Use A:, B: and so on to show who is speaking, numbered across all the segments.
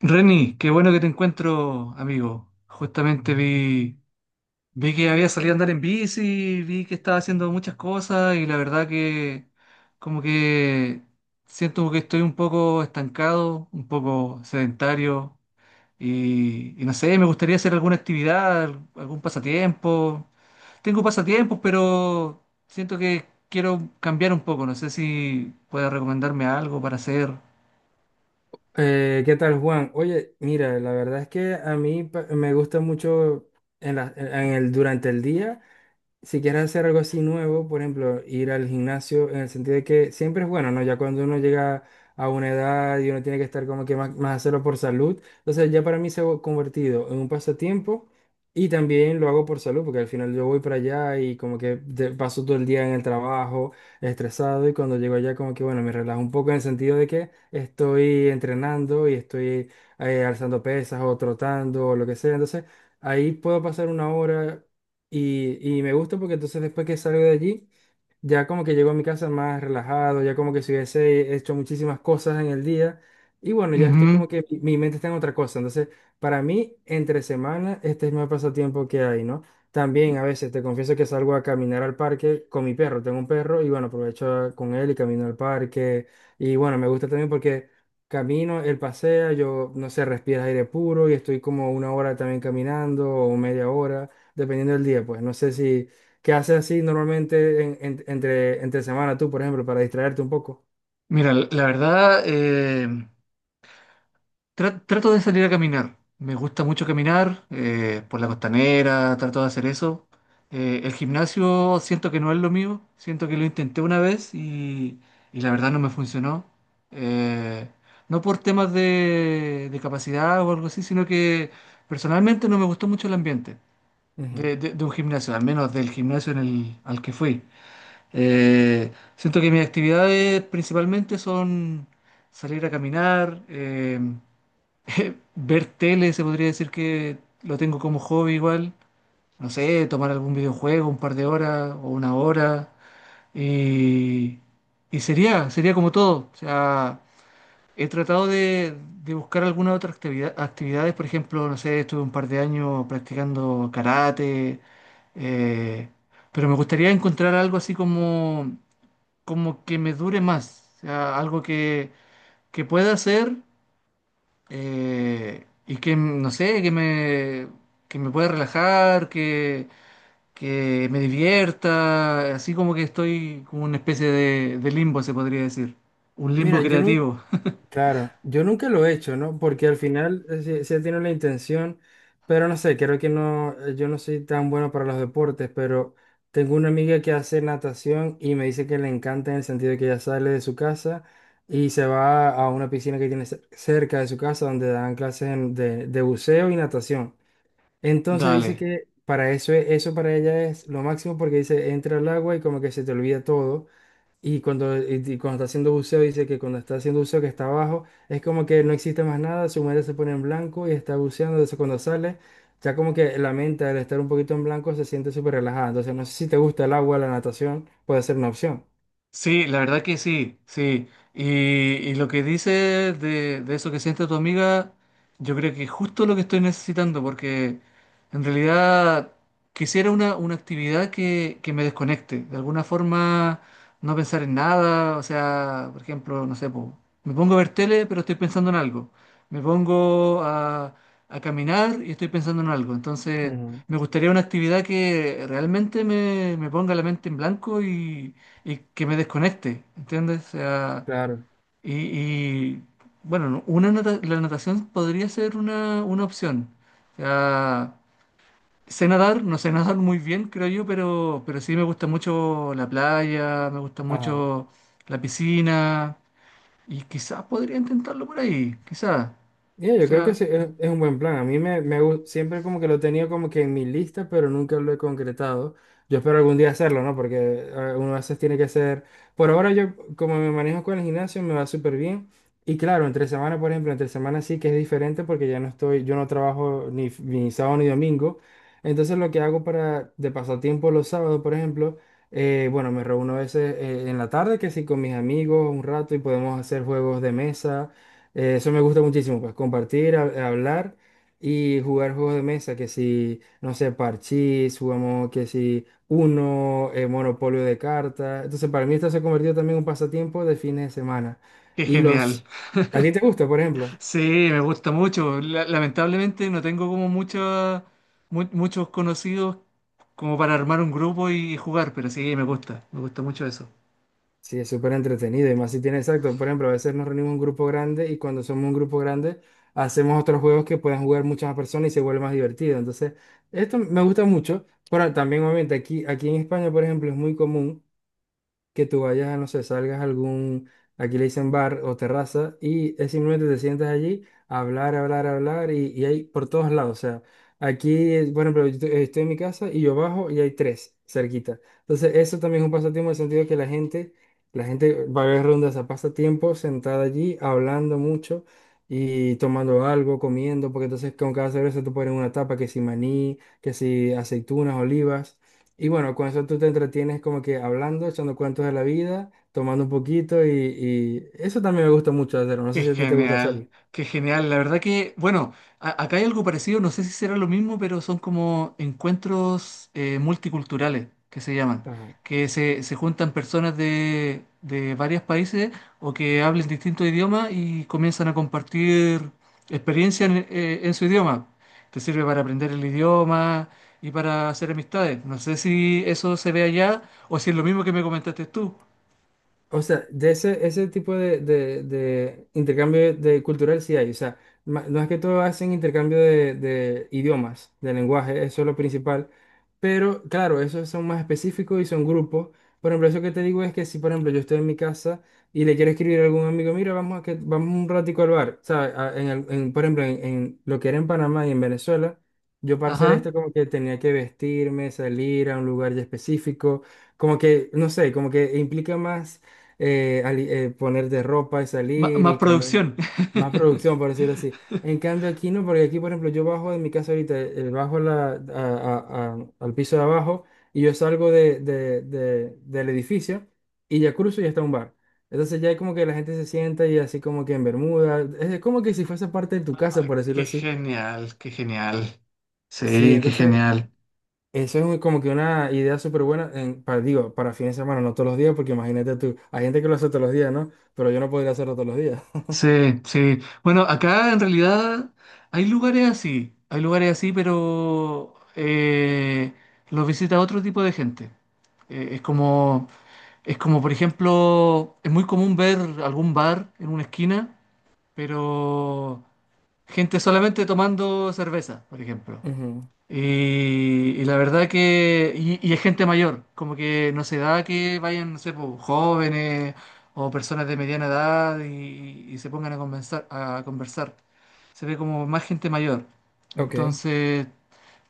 A: Reni, qué bueno que te encuentro, amigo. Justamente vi que había salido a andar en bici, vi que estaba haciendo muchas cosas y la verdad que como que siento que estoy un poco estancado, un poco sedentario y no sé, me gustaría hacer alguna actividad, algún pasatiempo. Tengo pasatiempos, pero siento que quiero cambiar un poco. No sé si puedes recomendarme algo para hacer.
B: ¿Qué tal, Juan? Oye, mira, la verdad es que a mí me gusta mucho en la- en el, durante el día, si quieres hacer algo así nuevo, por ejemplo, ir al gimnasio, en el sentido de que siempre es bueno, ¿no? Ya cuando uno llega a una edad y uno tiene que estar como que más hacerlo por salud, entonces ya para mí se ha convertido en un pasatiempo y también lo hago por salud, porque al final yo voy para allá y como que paso todo el día en el trabajo, estresado, y cuando llego allá, como que, bueno, me relajo un poco en el sentido de que estoy entrenando y estoy alzando pesas o trotando o lo que sea. Entonces ahí puedo pasar una hora. Y me gusta porque entonces después que salgo de allí, ya como que llego a mi casa más relajado, ya como que si hubiese hecho muchísimas cosas en el día. Y bueno, ya estoy
A: Ujú.
B: como que mi mente está en otra cosa. Entonces, para mí, entre semana, este es mi pasatiempo que hay, ¿no? También a veces te confieso que salgo a caminar al parque con mi perro. Tengo un perro y bueno, aprovecho con él y camino al parque. Y bueno, me gusta también porque camino, él pasea, yo, no sé, respira aire puro y estoy como una hora también caminando, o media hora, dependiendo del día. Pues no sé si... ¿Qué haces así normalmente entre semana tú, por ejemplo, para distraerte un poco?
A: Mira, la verdad, trato de salir a caminar. Me gusta mucho caminar por la costanera, trato de hacer eso. El gimnasio siento que no es lo mío, siento que lo intenté una vez y la verdad no me funcionó. Eh, no por temas de capacidad o algo así, sino que personalmente no me gustó mucho el ambiente
B: Ujú.
A: de un gimnasio, al menos del gimnasio al que fui. Eh, Siento que mis actividades principalmente son salir a caminar, ver tele, se podría decir que lo tengo como hobby igual. No sé, tomar algún videojuego un par de horas o una hora. Y, y sería, sería como todo. O sea, he tratado de buscar alguna otra actividad, actividades. Por ejemplo, no sé, estuve un par de años practicando karate. eh, pero me gustaría encontrar algo así como como que me dure más, o sea, algo que pueda hacer y que, no sé, que me pueda relajar, que me divierta, así como que estoy como una especie de limbo, se podría decir, un limbo
B: Mira, yo nunca,
A: creativo.
B: claro, yo nunca lo he hecho, ¿no? Porque al final sí, sí tiene la intención, pero no sé, creo que no, yo no soy tan bueno para los deportes, pero tengo una amiga que hace natación y me dice que le encanta en el sentido de que ella sale de su casa y se va a una piscina que tiene cerca de su casa, donde dan clases de buceo y natación. Entonces dice
A: Dale.
B: que para eso, eso para ella es lo máximo, porque dice, entra al agua y como que se te olvida todo. Y cuando está haciendo buceo, dice que cuando está haciendo buceo, que está abajo, es como que no existe más nada, su mente se pone en blanco y está buceando. Entonces cuando sale, ya como que la mente, al estar un poquito en blanco, se siente súper relajada. Entonces no sé si te gusta el agua, la natación, puede ser una opción.
A: Sí, la verdad que sí, sí. Y, y lo que dices de eso que siente tu amiga, yo creo que es justo lo que estoy necesitando, porque en realidad quisiera una actividad que me desconecte. De alguna forma, no pensar en nada. O sea, por ejemplo, no sé, po, me pongo a ver tele, pero estoy pensando en algo. Me pongo a caminar y estoy pensando en algo. Entonces,
B: Ujú.
A: me gustaría una actividad que realmente me ponga la mente en blanco y que me desconecte, ¿entiendes? O sea,
B: Claro.
A: y, bueno, no, la natación podría ser una opción. O sea, sé nadar, no sé nadar muy bien, creo yo, pero sí me gusta mucho la playa, me gusta
B: Ajá.
A: mucho la piscina, y quizás podría intentarlo por ahí, quizás.
B: Ya,
A: O
B: yo creo que
A: sea,
B: sí, es un buen plan. A mí siempre como que lo tenía como que en mi lista, pero nunca lo he concretado. Yo espero algún día hacerlo, ¿no? Porque uno a veces tiene que hacer... Por ahora yo, como me manejo con el gimnasio, me va súper bien. Y claro, entre semana, por ejemplo, entre semana sí que es diferente porque ya no estoy, yo no trabajo ni, ni sábado ni domingo. Entonces lo que hago para de pasatiempo los sábados, por ejemplo, bueno, me reúno a veces en la tarde, que sí, con mis amigos un rato y podemos hacer juegos de mesa. Eso me gusta muchísimo, pues compartir, hablar y jugar juegos de mesa, que si, no sé, parchís, jugamos que si uno, monopolio de cartas. Entonces, para mí esto se ha convertido también en un pasatiempo de fines de semana.
A: qué
B: Y
A: genial.
B: los... ¿A ti te gusta, por ejemplo?
A: Sí, me gusta mucho. Lamentablemente no tengo como mucha, muchos conocidos como para armar un grupo y jugar, pero sí, me gusta mucho eso.
B: Sí, es súper entretenido y más si tiene, exacto. Por ejemplo, a veces nos reunimos un grupo grande y cuando somos un grupo grande hacemos otros juegos que pueden jugar muchas más personas y se vuelve más divertido. Entonces, esto me gusta mucho. Pero también, obviamente, aquí, en España, por ejemplo, es muy común que tú vayas, no sé, salgas a algún, aquí le dicen bar o terraza, y es simplemente te sientas allí a hablar, hablar, hablar, y hay por todos lados. O sea, aquí, por ejemplo, yo estoy en mi casa y yo bajo y hay tres cerquita. Entonces, eso también es un pasatiempo en el sentido de que la gente va a ver rondas a pasatiempo sentada allí, hablando mucho. Y tomando algo, comiendo, porque entonces con cada cerveza tú pones una tapa, que si maní, que si aceitunas, olivas. Y bueno, con eso tú te entretienes como que hablando, echando cuentos de la vida, tomando un poquito, y eso también me gusta mucho hacerlo. No sé
A: Qué
B: si a ti te gusta
A: genial,
B: hacerlo.
A: qué genial. La verdad que, bueno, acá hay algo parecido, no sé si será lo mismo, pero son como encuentros multiculturales que se llaman,
B: Ajá.
A: se juntan personas de varios países o que hablen distintos idiomas y comienzan a compartir experiencias en su idioma. Te sirve para aprender el idioma y para hacer amistades. No sé si eso se ve allá o si es lo mismo que me comentaste tú.
B: O sea, de ese tipo de intercambio de cultural sí hay. O sea, no es que todos hacen intercambio de idiomas, de lenguaje, eso es lo principal. Pero claro, esos son más específicos y son grupos. Por ejemplo, eso que te digo es que si, por ejemplo, yo estoy en mi casa y le quiero escribir a algún amigo, mira, vamos, a que vamos un ratico al bar. ¿Sabes? Por ejemplo, en lo que era en Panamá y en Venezuela, yo para hacer
A: Ajá.
B: esto como que tenía que vestirme, salir a un lugar ya específico, como que, no sé, como que implica más poner de ropa y salir
A: Más
B: y caminar.
A: producción.
B: Más producción, por decirlo así. En cambio aquí no, porque aquí, por ejemplo, yo bajo de mi casa ahorita, bajo la, a- al piso de abajo y yo salgo del edificio y ya cruzo y está un bar. Entonces ya es como que la gente se sienta y así como que en bermuda. Es como que si fuese parte de tu casa,
A: Ay,
B: por decirlo
A: qué
B: así.
A: genial, qué genial.
B: Sí,
A: Sí, qué
B: entonces
A: genial.
B: eso es como que una idea súper buena, para fines de semana, no todos los días, porque imagínate tú, hay gente que lo hace todos los días, ¿no? Pero yo no podría hacerlo todos los días.
A: Sí, sí. Bueno, acá en realidad hay lugares así, pero los visita otro tipo de gente. Es como, es como, por ejemplo, es muy común ver algún bar en una esquina, pero gente solamente tomando cerveza, por ejemplo.
B: Ujú.
A: Y la verdad que, y es gente mayor, como que no se da que vayan, no sé, po, jóvenes o personas de mediana edad y se pongan a conversar, a conversar. Se ve como más gente mayor.
B: Ok.
A: Entonces,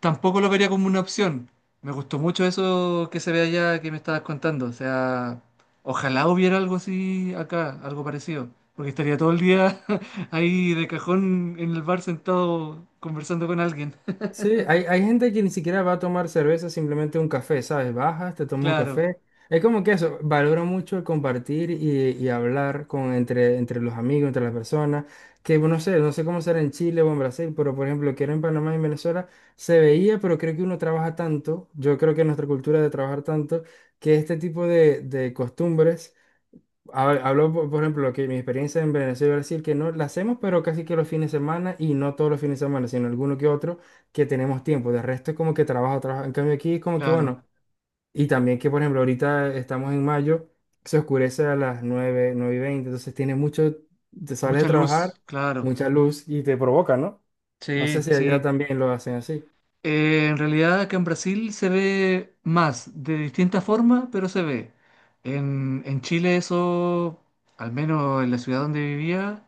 A: tampoco lo vería como una opción. Me gustó mucho eso que se ve allá que me estabas contando. O sea, ojalá hubiera algo así acá, algo parecido. Porque estaría todo el día ahí de cajón en el bar sentado conversando con alguien.
B: Sí, hay gente que ni siquiera va a tomar cerveza, simplemente un café, ¿sabes? Bajas, te tomas un
A: Claro.
B: café. Es como que eso, valoro mucho el compartir y hablar entre los amigos, entre las personas, que bueno, no sé cómo será en Chile o en Brasil, pero por ejemplo, que era en Panamá y en Venezuela, se veía, pero creo que uno trabaja tanto, yo creo que nuestra cultura de trabajar tanto, que este tipo de costumbres, hablo, por ejemplo, que mi experiencia en Venezuela y Brasil, que no la hacemos, pero casi que los fines de semana, y no todos los fines de semana, sino alguno que otro que tenemos tiempo. De resto es como que trabajo, trabajo. En cambio aquí es como que
A: Claro,
B: bueno. Y también que, por ejemplo, ahorita estamos en mayo, se oscurece a las nueve y 20, entonces tiene mucho, te sales de
A: mucha luz,
B: trabajar,
A: claro.
B: mucha luz y te provoca, ¿no? No sé
A: Sí,
B: si allá
A: sí.
B: también lo hacen así.
A: En realidad acá en Brasil se ve más, de distinta forma, pero se ve. En Chile eso, al menos en la ciudad donde vivía,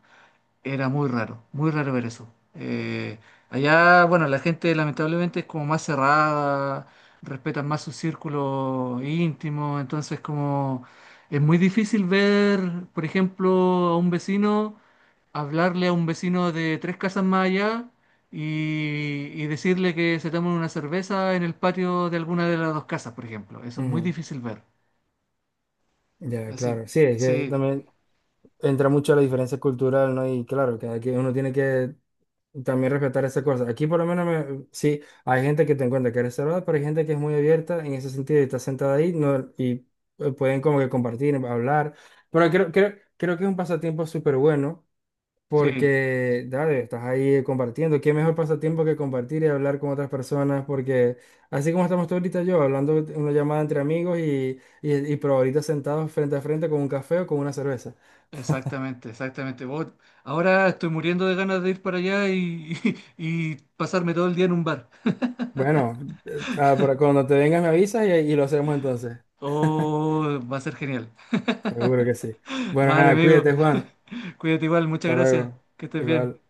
A: era muy raro ver eso. Eh, Allá, bueno, la gente lamentablemente es como más cerrada, respetan más su círculo íntimo, entonces como es muy difícil ver, por ejemplo, a un vecino. Hablarle a un vecino de tres casas más allá y decirle que se tomen una cerveza en el patio de alguna de las dos casas, por ejemplo. Eso es muy
B: Ujú.
A: difícil ver.
B: Ya,
A: Así,
B: claro. Sí, es que
A: sí,
B: también entra mucho la diferencia cultural, ¿no? Y claro, que aquí uno tiene que también respetar esas cosas. Aquí por lo menos sí, hay gente que te encuentra que es reservada, pero hay gente que es muy abierta en ese sentido y está sentada ahí, no, y pueden como que compartir, hablar. Pero creo que es un pasatiempo súper bueno
A: sí,
B: porque, dale, estás ahí compartiendo. ¿Qué mejor pasatiempo que compartir y hablar con otras personas? Porque así como estamos tú ahorita, yo hablando en una llamada entre amigos, y pero ahorita sentados frente a frente con un café o con una cerveza.
A: exactamente, exactamente. Vos- ahora estoy muriendo de ganas de ir para allá y, y pasarme todo el día en un bar.
B: Bueno, cuando te vengas me avisas y lo hacemos entonces.
A: Oh, va a ser genial.
B: Seguro que sí. Bueno,
A: Vale,
B: nada,
A: amigo,
B: cuídate, Juan.
A: cuídate igual, muchas
B: Hasta
A: gracias.
B: luego.
A: Que estés bien.
B: Igual.